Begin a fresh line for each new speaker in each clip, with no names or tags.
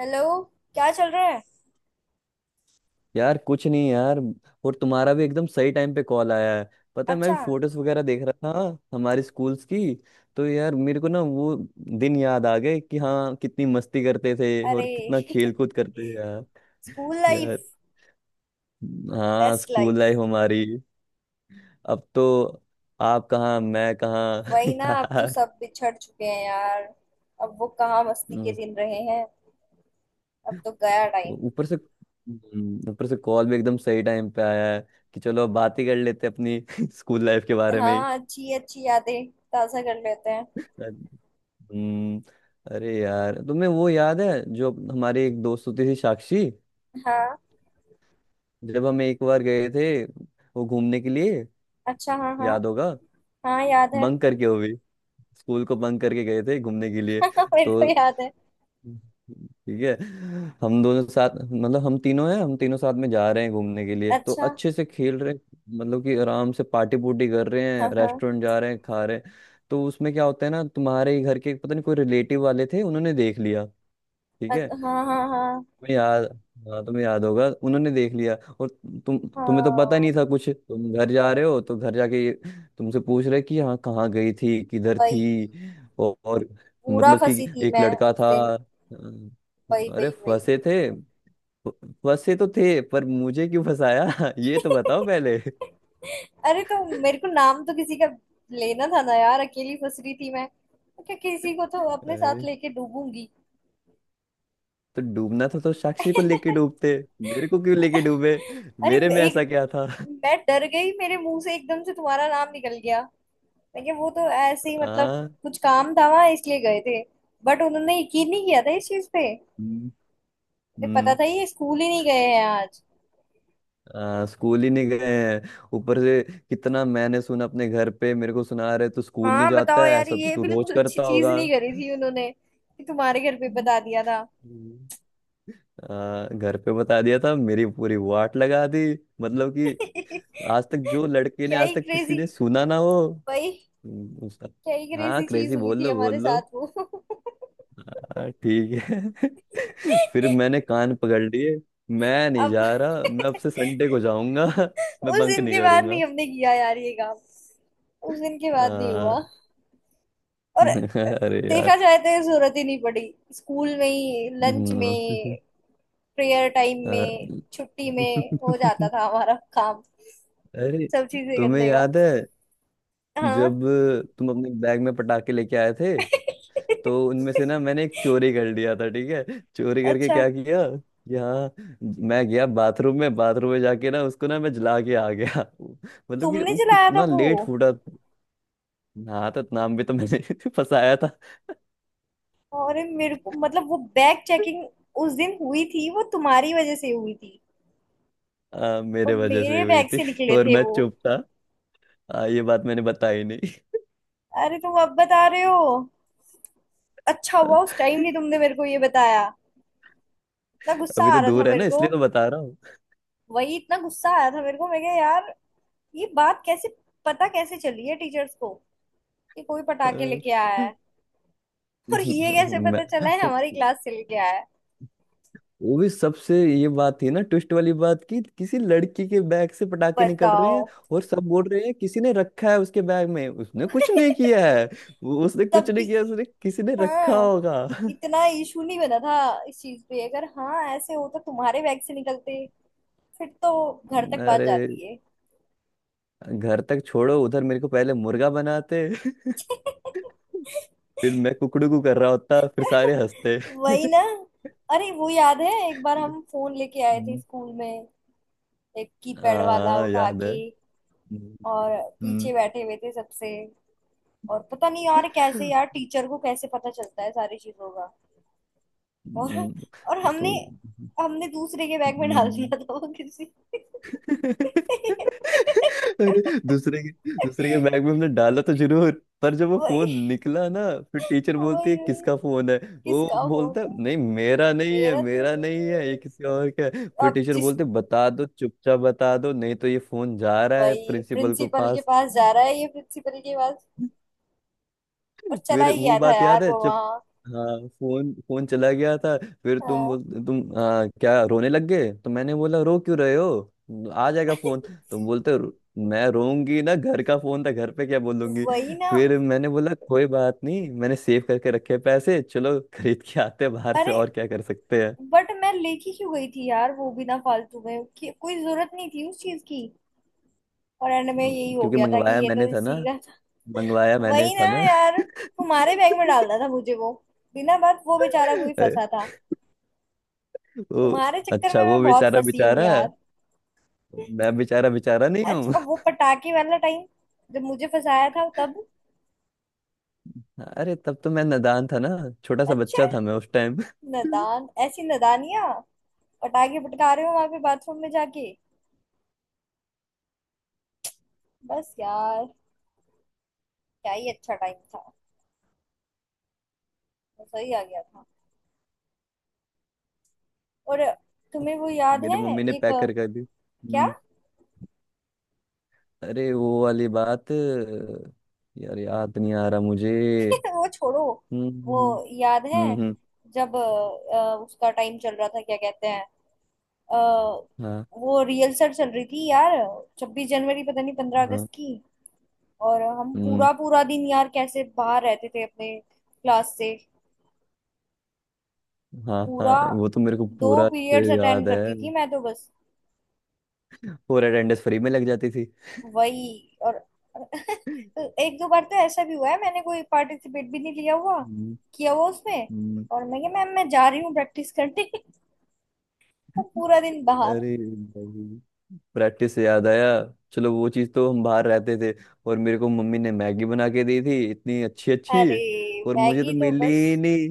Hello. क्या चल रहा है?
यार कुछ नहीं यार। और तुम्हारा भी एकदम सही टाइम पे कॉल आया है। पता है मैं
अच्छा।
भी फोटोज वगैरह देख रहा था हमारे स्कूल्स की। तो यार मेरे को ना वो दिन याद आ गए कि हाँ कितनी मस्ती करते थे और
अरे
कितना खेल कूद करते थे यार।
स्कूल लाइफ
यार हाँ
बेस्ट
स्कूल
लाइफ।
लाइफ हमारी। अब तो आप कहाँ मैं कहाँ
वही ना, अब तो
यार।
सब बिछड़ चुके हैं यार। अब वो कहाँ मस्ती के
उस-
दिन रहे हैं। अब तो गया टाइम।
ऊपर से कॉल भी एकदम सही टाइम पे आया है कि चलो अब बात ही कर लेते हैं अपनी स्कूल लाइफ के बारे में।
हाँ, अच्छी अच्छी यादें ताजा कर लेते हैं।
ही। हम्म। अरे यार तुम्हें वो याद है जो हमारी एक दोस्त होती थी साक्षी।
हाँ।
जब हम एक बार गए थे वो घूमने के लिए।
अच्छा, हाँ हाँ।
याद होगा।
हाँ, याद है।
बंक करके वो भी स्कूल को बंक करके गए थे घूमने के लिए।
मेरे
तो
को याद है।
ठीक है। हम दोनों साथ मतलब हम तीनों हैं हम तीनों साथ में जा रहे हैं घूमने के लिए तो
अच्छा,
अच्छे से खेल रहे हैं। मतलब कि आराम से पार्टी पुर्टी कर रहे हैं
हाँ हाँ।
रेस्टोरेंट जा रहे हैं खा रहे हैं। तो उसमें क्या होता है ना तुम्हारे ही घर के पता नहीं कोई रिलेटिव वाले थे उन्होंने देख लिया। ठीक है।
हाँ हाँ हाँ
तुम्हें याद। हाँ तुम्हें याद होगा उन्होंने देख लिया। और तुम तुम्हें तो पता
हाँ।
नहीं था कुछ तुम घर जा रहे हो तो घर जाके ये तुमसे पूछ रहे कि यहाँ कहाँ गई थी किधर
वही।
थी। और
पूरा
मतलब कि
फंसी थी
एक
मैं
लड़का
उस
था।
दिन। वही
अरे
वही वही।
फंसे थे। फंसे तो थे पर मुझे क्यों फंसाया? ये तो बताओ पहले।
अरे, तो मेरे को नाम तो किसी का लेना था ना यार। अकेली फंस रही थी मैं तो क्या, किसी को तो अपने साथ
अरे
लेके डूबूंगी।
तो डूबना था तो साक्षी को लेके डूबते। मेरे को क्यों लेके डूबे?
अरे,
मेरे में
एक,
ऐसा क्या था?
मैं डर गई, मेरे मुंह से एकदम से तुम्हारा नाम निकल गया। मैं क्या, वो तो ऐसे ही मतलब
हाँ।
कुछ काम था वहां इसलिए गए थे। बट उन्होंने यकीन नहीं किया था इस चीज पे।
हम्म।
उन्हें पता
हम्म।
था ये स्कूल ही नहीं गए हैं आज।
स्कूल ही नहीं गए हैं ऊपर से कितना मैंने सुना अपने घर पे। मेरे को सुना रहे तू स्कूल नहीं
हाँ, बताओ
जाता है
यार,
ऐसा तो
ये
तू रोज
बिल्कुल अच्छी
करता
चीज
होगा।
नहीं करी थी उन्होंने कि तुम्हारे घर पे बता दिया था।
हम्म। घर पे बता दिया था मेरी पूरी वाट लगा दी। मतलब कि आज तक जो लड़के ने
क्या
आज
ही
तक किसी
क्रेजी,
ने सुना ना हो।
भाई।
उसका।
क्या ही
हाँ
क्रेजी चीज
क्रेजी
हुई
बोल
थी
लो बोल
हमारे
लो।
साथ वो।
हाँ ठीक है। फिर मैंने कान पकड़ लिए। मैं नहीं
अब
जा रहा मैं अब से संडे को जाऊंगा। मैं
उस
बंक
दिन
नहीं
के बाद नहीं
करूंगा।
हमने किया यार ये काम। उस दिन के बाद नहीं
आ,
हुआ। और
अरे
देखा
यार।
जाए तो ये जरूरत ही नहीं पड़ी। स्कूल में ही, लंच
हम्म,
में, प्रेयर टाइम
अ,
में, छुट्टी में हो जाता था हमारा काम,
अरे
सब चीजें
तुम्हें
करने का।
याद है
हाँ।
जब तुम अपने बैग में पटाखे लेके आए थे? तो उनमें से ना मैंने एक चोरी कर लिया था ठीक है चोरी करके
अच्छा,
क्या किया। यहाँ मैं गया बाथरूम में जाके ना उसको ना मैं जला के आ गया। मतलब कि
तुमने
वो
चलाया था
कितना
वो।
लेट फूटा। हाँ तो नाम भी तो मैंने फंसाया था।
अरे मेरे को, मतलब, वो बैग चेकिंग उस दिन हुई थी, वो तुम्हारी वजह से हुई थी। और
मेरे वजह से
मेरे
हुई
बैग
थी।
से निकले
और
थे
मैं
वो।
चुप था। ये बात मैंने बताई।
अरे तुम अब बता रहे हो। अच्छा हुआ उस टाइम
नहीं।
नहीं तुमने मेरे को ये बताया। इतना गुस्सा
अभी
आ
तो
रहा था
दूर है
मेरे
ना
को।
इसलिए तो बता रहा हूँ।
वही, इतना गुस्सा आया था मेरे को, मैं क्या यार। ये बात कैसे, पता कैसे चली है टीचर्स को कि कोई पटाखे
अ,
लेके आया है? और ये कैसे
मैं
पता चला है हमारी क्लास से लेके आया है?
वो भी सबसे ये बात थी ना ट्विस्ट वाली बात की किसी लड़की के बैग से पटाखे निकल रहे
बताओ।
हैं। और सब बोल रहे हैं किसी ने रखा है उसके बैग में उसने कुछ नहीं किया है। उसने
तब
कुछ
भी,
नहीं किया उसने किसी ने रखा
हाँ,
होगा।
इतना इशू नहीं बना था इस चीज पे। अगर हाँ ऐसे हो तो तुम्हारे बैग से निकलते फिर तो घर तक बात
अरे
जाती है।
घर तक छोड़ो उधर मेरे को पहले मुर्गा बनाते। फिर मैं कुकड़ू कू कर रहा होता फिर सारे हंसते।
वही ना। अरे वो याद है, एक बार हम फोन लेके आए थे
हम्म,
स्कूल में, एक कीपैड वाला
हाँ
उठा
याद है।
के। और
हम्म।
पीछे बैठे हुए थे सबसे। और पता नहीं यार कैसे,
हम्म।
यार टीचर को कैसे पता चलता है सारी चीजों का। और और
तो
हमने हमने दूसरे के बैग में डाल
हम्म,
दिया था वो किसी।
अरे दूसरे के बैग में हमने डाला तो जरूर। पर जब वो फोन
वही
निकला ना फिर टीचर बोलती है
वही वही।
किसका फोन है। वो
किसका फोन
बोलता है,
है,
नहीं मेरा नहीं है
मेरा तो नहीं
मेरा नहीं
है,
है ये किसी और का है। फिर
अब
टीचर
जिस,
बोलते बता दो चुपचाप बता दो नहीं तो ये फोन जा रहा है
वही
प्रिंसिपल को
प्रिंसिपल के
पास।
पास जा रहा है, ये प्रिंसिपल के पास। और चला
फिर
ही
वो
गया था
बात
यार
याद है
वो
जब
वहां।
हाँ फोन फोन चला गया था। फिर तुम
हाँ।
बोल तुम क्या रोने लग गए तो मैंने बोला रो क्यों रहे हो आ जाएगा फोन। तुम बोलते हो, मैं रोऊंगी ना घर का फोन था घर पे क्या बोलूंगी"।
वही ना।
फिर मैंने बोला कोई बात नहीं मैंने सेव करके रखे पैसे चलो खरीद के आते हैं बाहर से
अरे
और क्या कर सकते हैं।
बट मैं लेके क्यों गई थी यार वो भी ना, फालतू में, कि कोई जरूरत नहीं थी उस चीज की। और एंड में यही हो
क्योंकि
गया था कि
मंगवाया
ये तो
मैंने था ना
इसी का।
मंगवाया मैंने
वही ना
था ना।
यार, तुम्हारे बैग में डालना था मुझे वो। बिना बात वो बेचारा कोई
अरे,
फंसा था।
वो
तुम्हारे चक्कर
अच्छा
में मैं
वो
बहुत
बेचारा
फंसी हूँ
बेचारा
यार।
है, मैं बेचारा बेचारा नहीं हूँ।
अच्छा, वो पटाखे वाला टाइम जब मुझे फंसाया था तब।
अरे तब तो मैं नादान था ना। छोटा सा
अच्छा।
बच्चा था मैं उस टाइम।
नादान, ऐसी नादानियां, पटाखे फटका रहे हो वहां पे बाथरूम में जाके। बस यार, क्या ही अच्छा टाइम था। मजा ही आ गया था। और तुम्हें वो याद
मेरी
है?
मम्मी ने
एक,
पैक कर कर दी।
क्या?
हम्म। अरे वो वाली बात यार याद नहीं आ रहा मुझे।
वो छोड़ो।
हम्म। हम्म।
वो याद है
हम्म। हम्म।
जब उसका टाइम चल रहा था, क्या कहते हैं, अ,
हाँ।
वो रिहर्सल चल रही थी यार, 26 जनवरी पता नहीं 15 अगस्त
हाँ।
की। और हम
हम्म।
पूरा पूरा दिन यार कैसे बाहर रहते थे अपने क्लास से।
हाँ
पूरा
हाँ वो तो मेरे को
दो
पूरा अच्छे
पीरियड्स अटेंड
याद
करती
है।
थी मैं तो बस।
और अटेंडेंस फ्री में लग जाती थी।
वही। और तो एक दो बार तो ऐसा भी हुआ है, मैंने कोई पार्टिसिपेट भी नहीं लिया हुआ,
हम्म।
किया हुआ उसमें।
हम्म।
और मैं क्या, मैम मैं जा रही हूँ प्रैक्टिस करने। और पूरा दिन बाहर।
अरे भाई प्रैक्टिस से याद आया चलो वो चीज तो हम बाहर रहते थे। और मेरे को मम्मी ने मैगी बना के दी थी इतनी अच्छी अच्छी।
अरे
और मुझे
मैगी
तो
तो
मिली
बस।
ही नहीं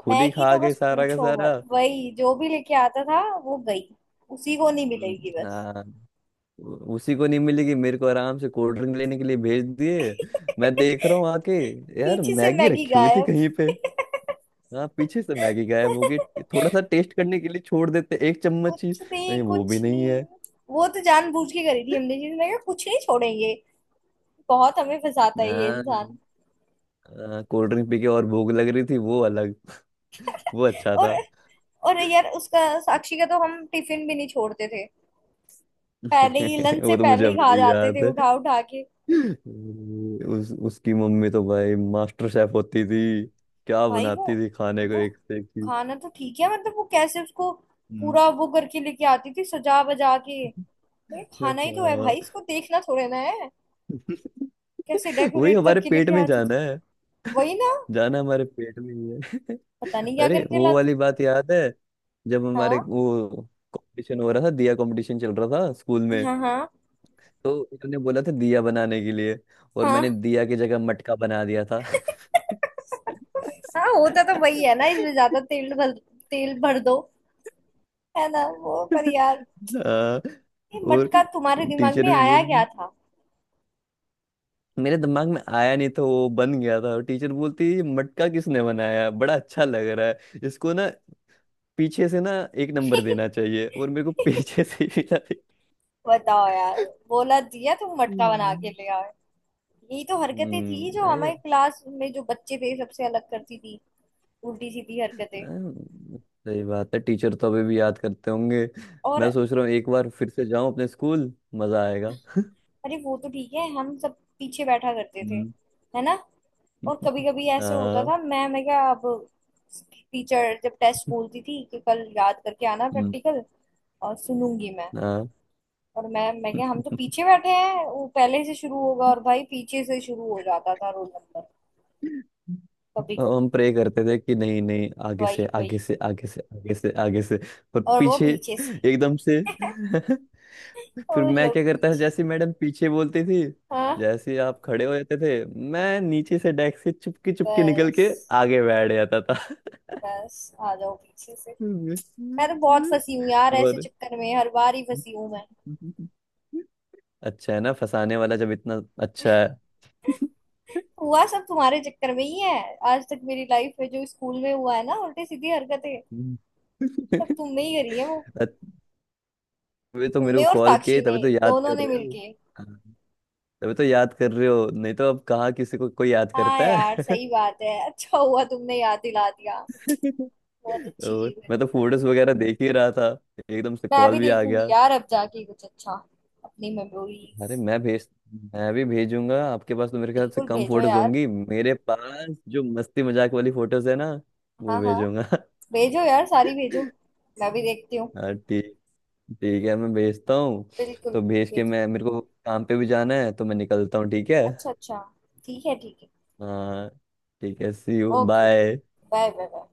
खुद ही
मैगी
खा
तो
गए
बस
सारा का
पूछो
सारा।
मत, वही जो भी लेके आता था वो गई, उसी को नहीं मिलेगी
हम्म,
बस।
हाँ। उसी को नहीं मिलेगी मेरे को आराम से कोल्ड ड्रिंक लेने के लिए भेज दिए। मैं देख रहा हूँ आके यार
पीछे से
मैगी
मैगी
रखी हुई थी
गायब।
कहीं पे। हाँ पीछे से मैगी गायब होगी। थोड़ा सा टेस्ट करने के लिए छोड़ देते एक चम्मच ही।
कुछ नहीं,
नहीं, वो भी
कुछ
नहीं
नहीं।
है।
वो तो जानबूझ के करी थी हमने चीज, मैं कहा कुछ नहीं छोड़ेंगे, बहुत हमें फंसाता है ये
हाँ
इंसान।
कोल्ड ड्रिंक पी के और भूख लग रही थी वो अलग। वो अच्छा
और
था।
और यार, उसका साक्षी का तो हम टिफिन भी नहीं छोड़ते थे। पहले ही लंच से
वो तो मुझे
पहले ही
अभी
खा
भी
जाते थे
याद है।
उठा उठा के।
उस उसकी मम्मी तो भाई मास्टर शेफ होती थी। क्या
भाई वो
बनाती थी खाने को
वो
एक से एक चीज।
खाना तो ठीक है, मतलब वो कैसे उसको
हम्म।
पूरा वो करके लेके आती थी सजा बजा के। नहीं, खाना ही तो है
हाँ।
भाई, इसको देखना थोड़े ना है। कैसे
वही
डेकोरेट
हमारे
करके
पेट
लेके
में
आती
जाना
थी।
है।
वही ना।
जाना हमारे पेट में ही है।
पता नहीं क्या
अरे
करके
वो
लाती
वाली
थी।
बात याद है जब हमारे
हाँ
वो कंपटीशन हो रहा था दिया कंपटीशन चल रहा था स्कूल में।
हाँ हाँ
तो उन्होंने बोला था दिया बनाने के लिए। और
हाँ।
मैंने दिया की जगह मटका बना दिया था।
हाँ, होता तो
हाँ,
वही है ना, इसमें ज्यादा तेल भर, तेल भर दो। है ना वो, पर यार ये
और
मटका तुम्हारे दिमाग
टीचर
में
भी
आया क्या
बोलती।
था?
मेरे दिमाग में आया नहीं था वो बन गया था और टीचर बोलती, "ये मटका किसने बनाया बड़ा अच्छा लग रहा है इसको ना पीछे से ना एक नंबर देना चाहिए"। और मेरे को पीछे से ही मिला था।
बताओ यार, बोला दिया तो मटका बना के ले आए। यही तो हरकतें
हम्म।
थी जो हमारे क्लास में जो बच्चे थे सबसे अलग करती थी, उल्टी सीधी हरकतें।
हाँ, सही बात है टीचर तो अभी भी याद करते होंगे। मैं
और
सोच रहा हूँ एक बार फिर से जाऊं अपने स्कूल मजा आएगा।
अरे वो तो ठीक है, हम सब पीछे बैठा करते थे,
हम्म।
है ना। और कभी कभी ऐसे होता
हाँ।
था, मैं क्या अब, टीचर जब टेस्ट बोलती थी कि कल याद करके आना,
हम्म।
प्रैक्टिकल और सुनूंगी मैं।
हाँ।
और मैं क्या, हम तो पीछे बैठे हैं, वो पहले से शुरू होगा और भाई पीछे से शुरू हो जाता था रोल नंबर कभी
और
कभी।
हम प्रे करते थे कि नहीं नहीं आगे से
वही
आगे
वही।
से आगे से आगे से आगे से। पर
और वो
पीछे
पीछे से
एकदम से फिर
और
मैं
लोग
क्या करता था
पीछे से।
जैसे मैडम पीछे बोलती थी।
हाँ,
जैसे ही आप खड़े हो जाते थे मैं नीचे से डेस्क से चुपके चुपके निकल के
बस,
आगे बैठ जाता था।
बस आ जाओ पीछे से। मैं तो बहुत फंसी हूँ यार ऐसे
और
चक्कर में, हर बार ही फंसी हूँ मैं।
अच्छा है ना फंसाने वाला जब इतना अच्छा है।
हुआ सब तुम्हारे चक्कर में ही है। आज तक मेरी लाइफ में जो स्कूल में हुआ है ना, उल्टी सीधी हरकतें,
हम्म।
सब तुमने ही करी है वो।
अ- तभी तो मेरे
तुमने
को
और
कॉल
साक्षी
किए
ने
तभी तो याद
दोनों
कर
ने
रहे हो।
मिलके।
हाँ, तभी तो याद कर रहे हो नहीं तो अब कहाँ किसी को कोई याद
हाँ
करता
यार,
है।
सही बात है, अच्छा हुआ तुमने याद दिला दिया। बहुत अच्छी
और
चीज है।
मैं तो फोटोज वगैरह देख ही रहा था एकदम से
मैं भी
कॉल भी आ
देखूंगी
गया।
यार, अब जाके कुछ अच्छा, अपनी
अरे
मेमोरीज।
मैं भेज मैं भी भेजूंगा आपके पास तो मेरे ख्याल से
बिल्कुल
कम
भेजो
फोटोज
यार।
होंगी मेरे पास जो मस्ती मजाक वाली फोटोज है ना वो
हाँ हाँ,
भेजूंगा।
भेजो यार, सारी भेजो। मैं भी देखती हूँ।
हाँ ठीक ठीक है मैं भेजता हूँ।
बिल्कुल
तो भेज के
भेजो।
मैं मेरे को काम पे भी जाना है तो मैं निकलता हूँ ठीक है।
अच्छा अच्छा, ठीक है ठीक है।
हाँ ठीक है see you
okay okay.
Bye.
Bye bye bye.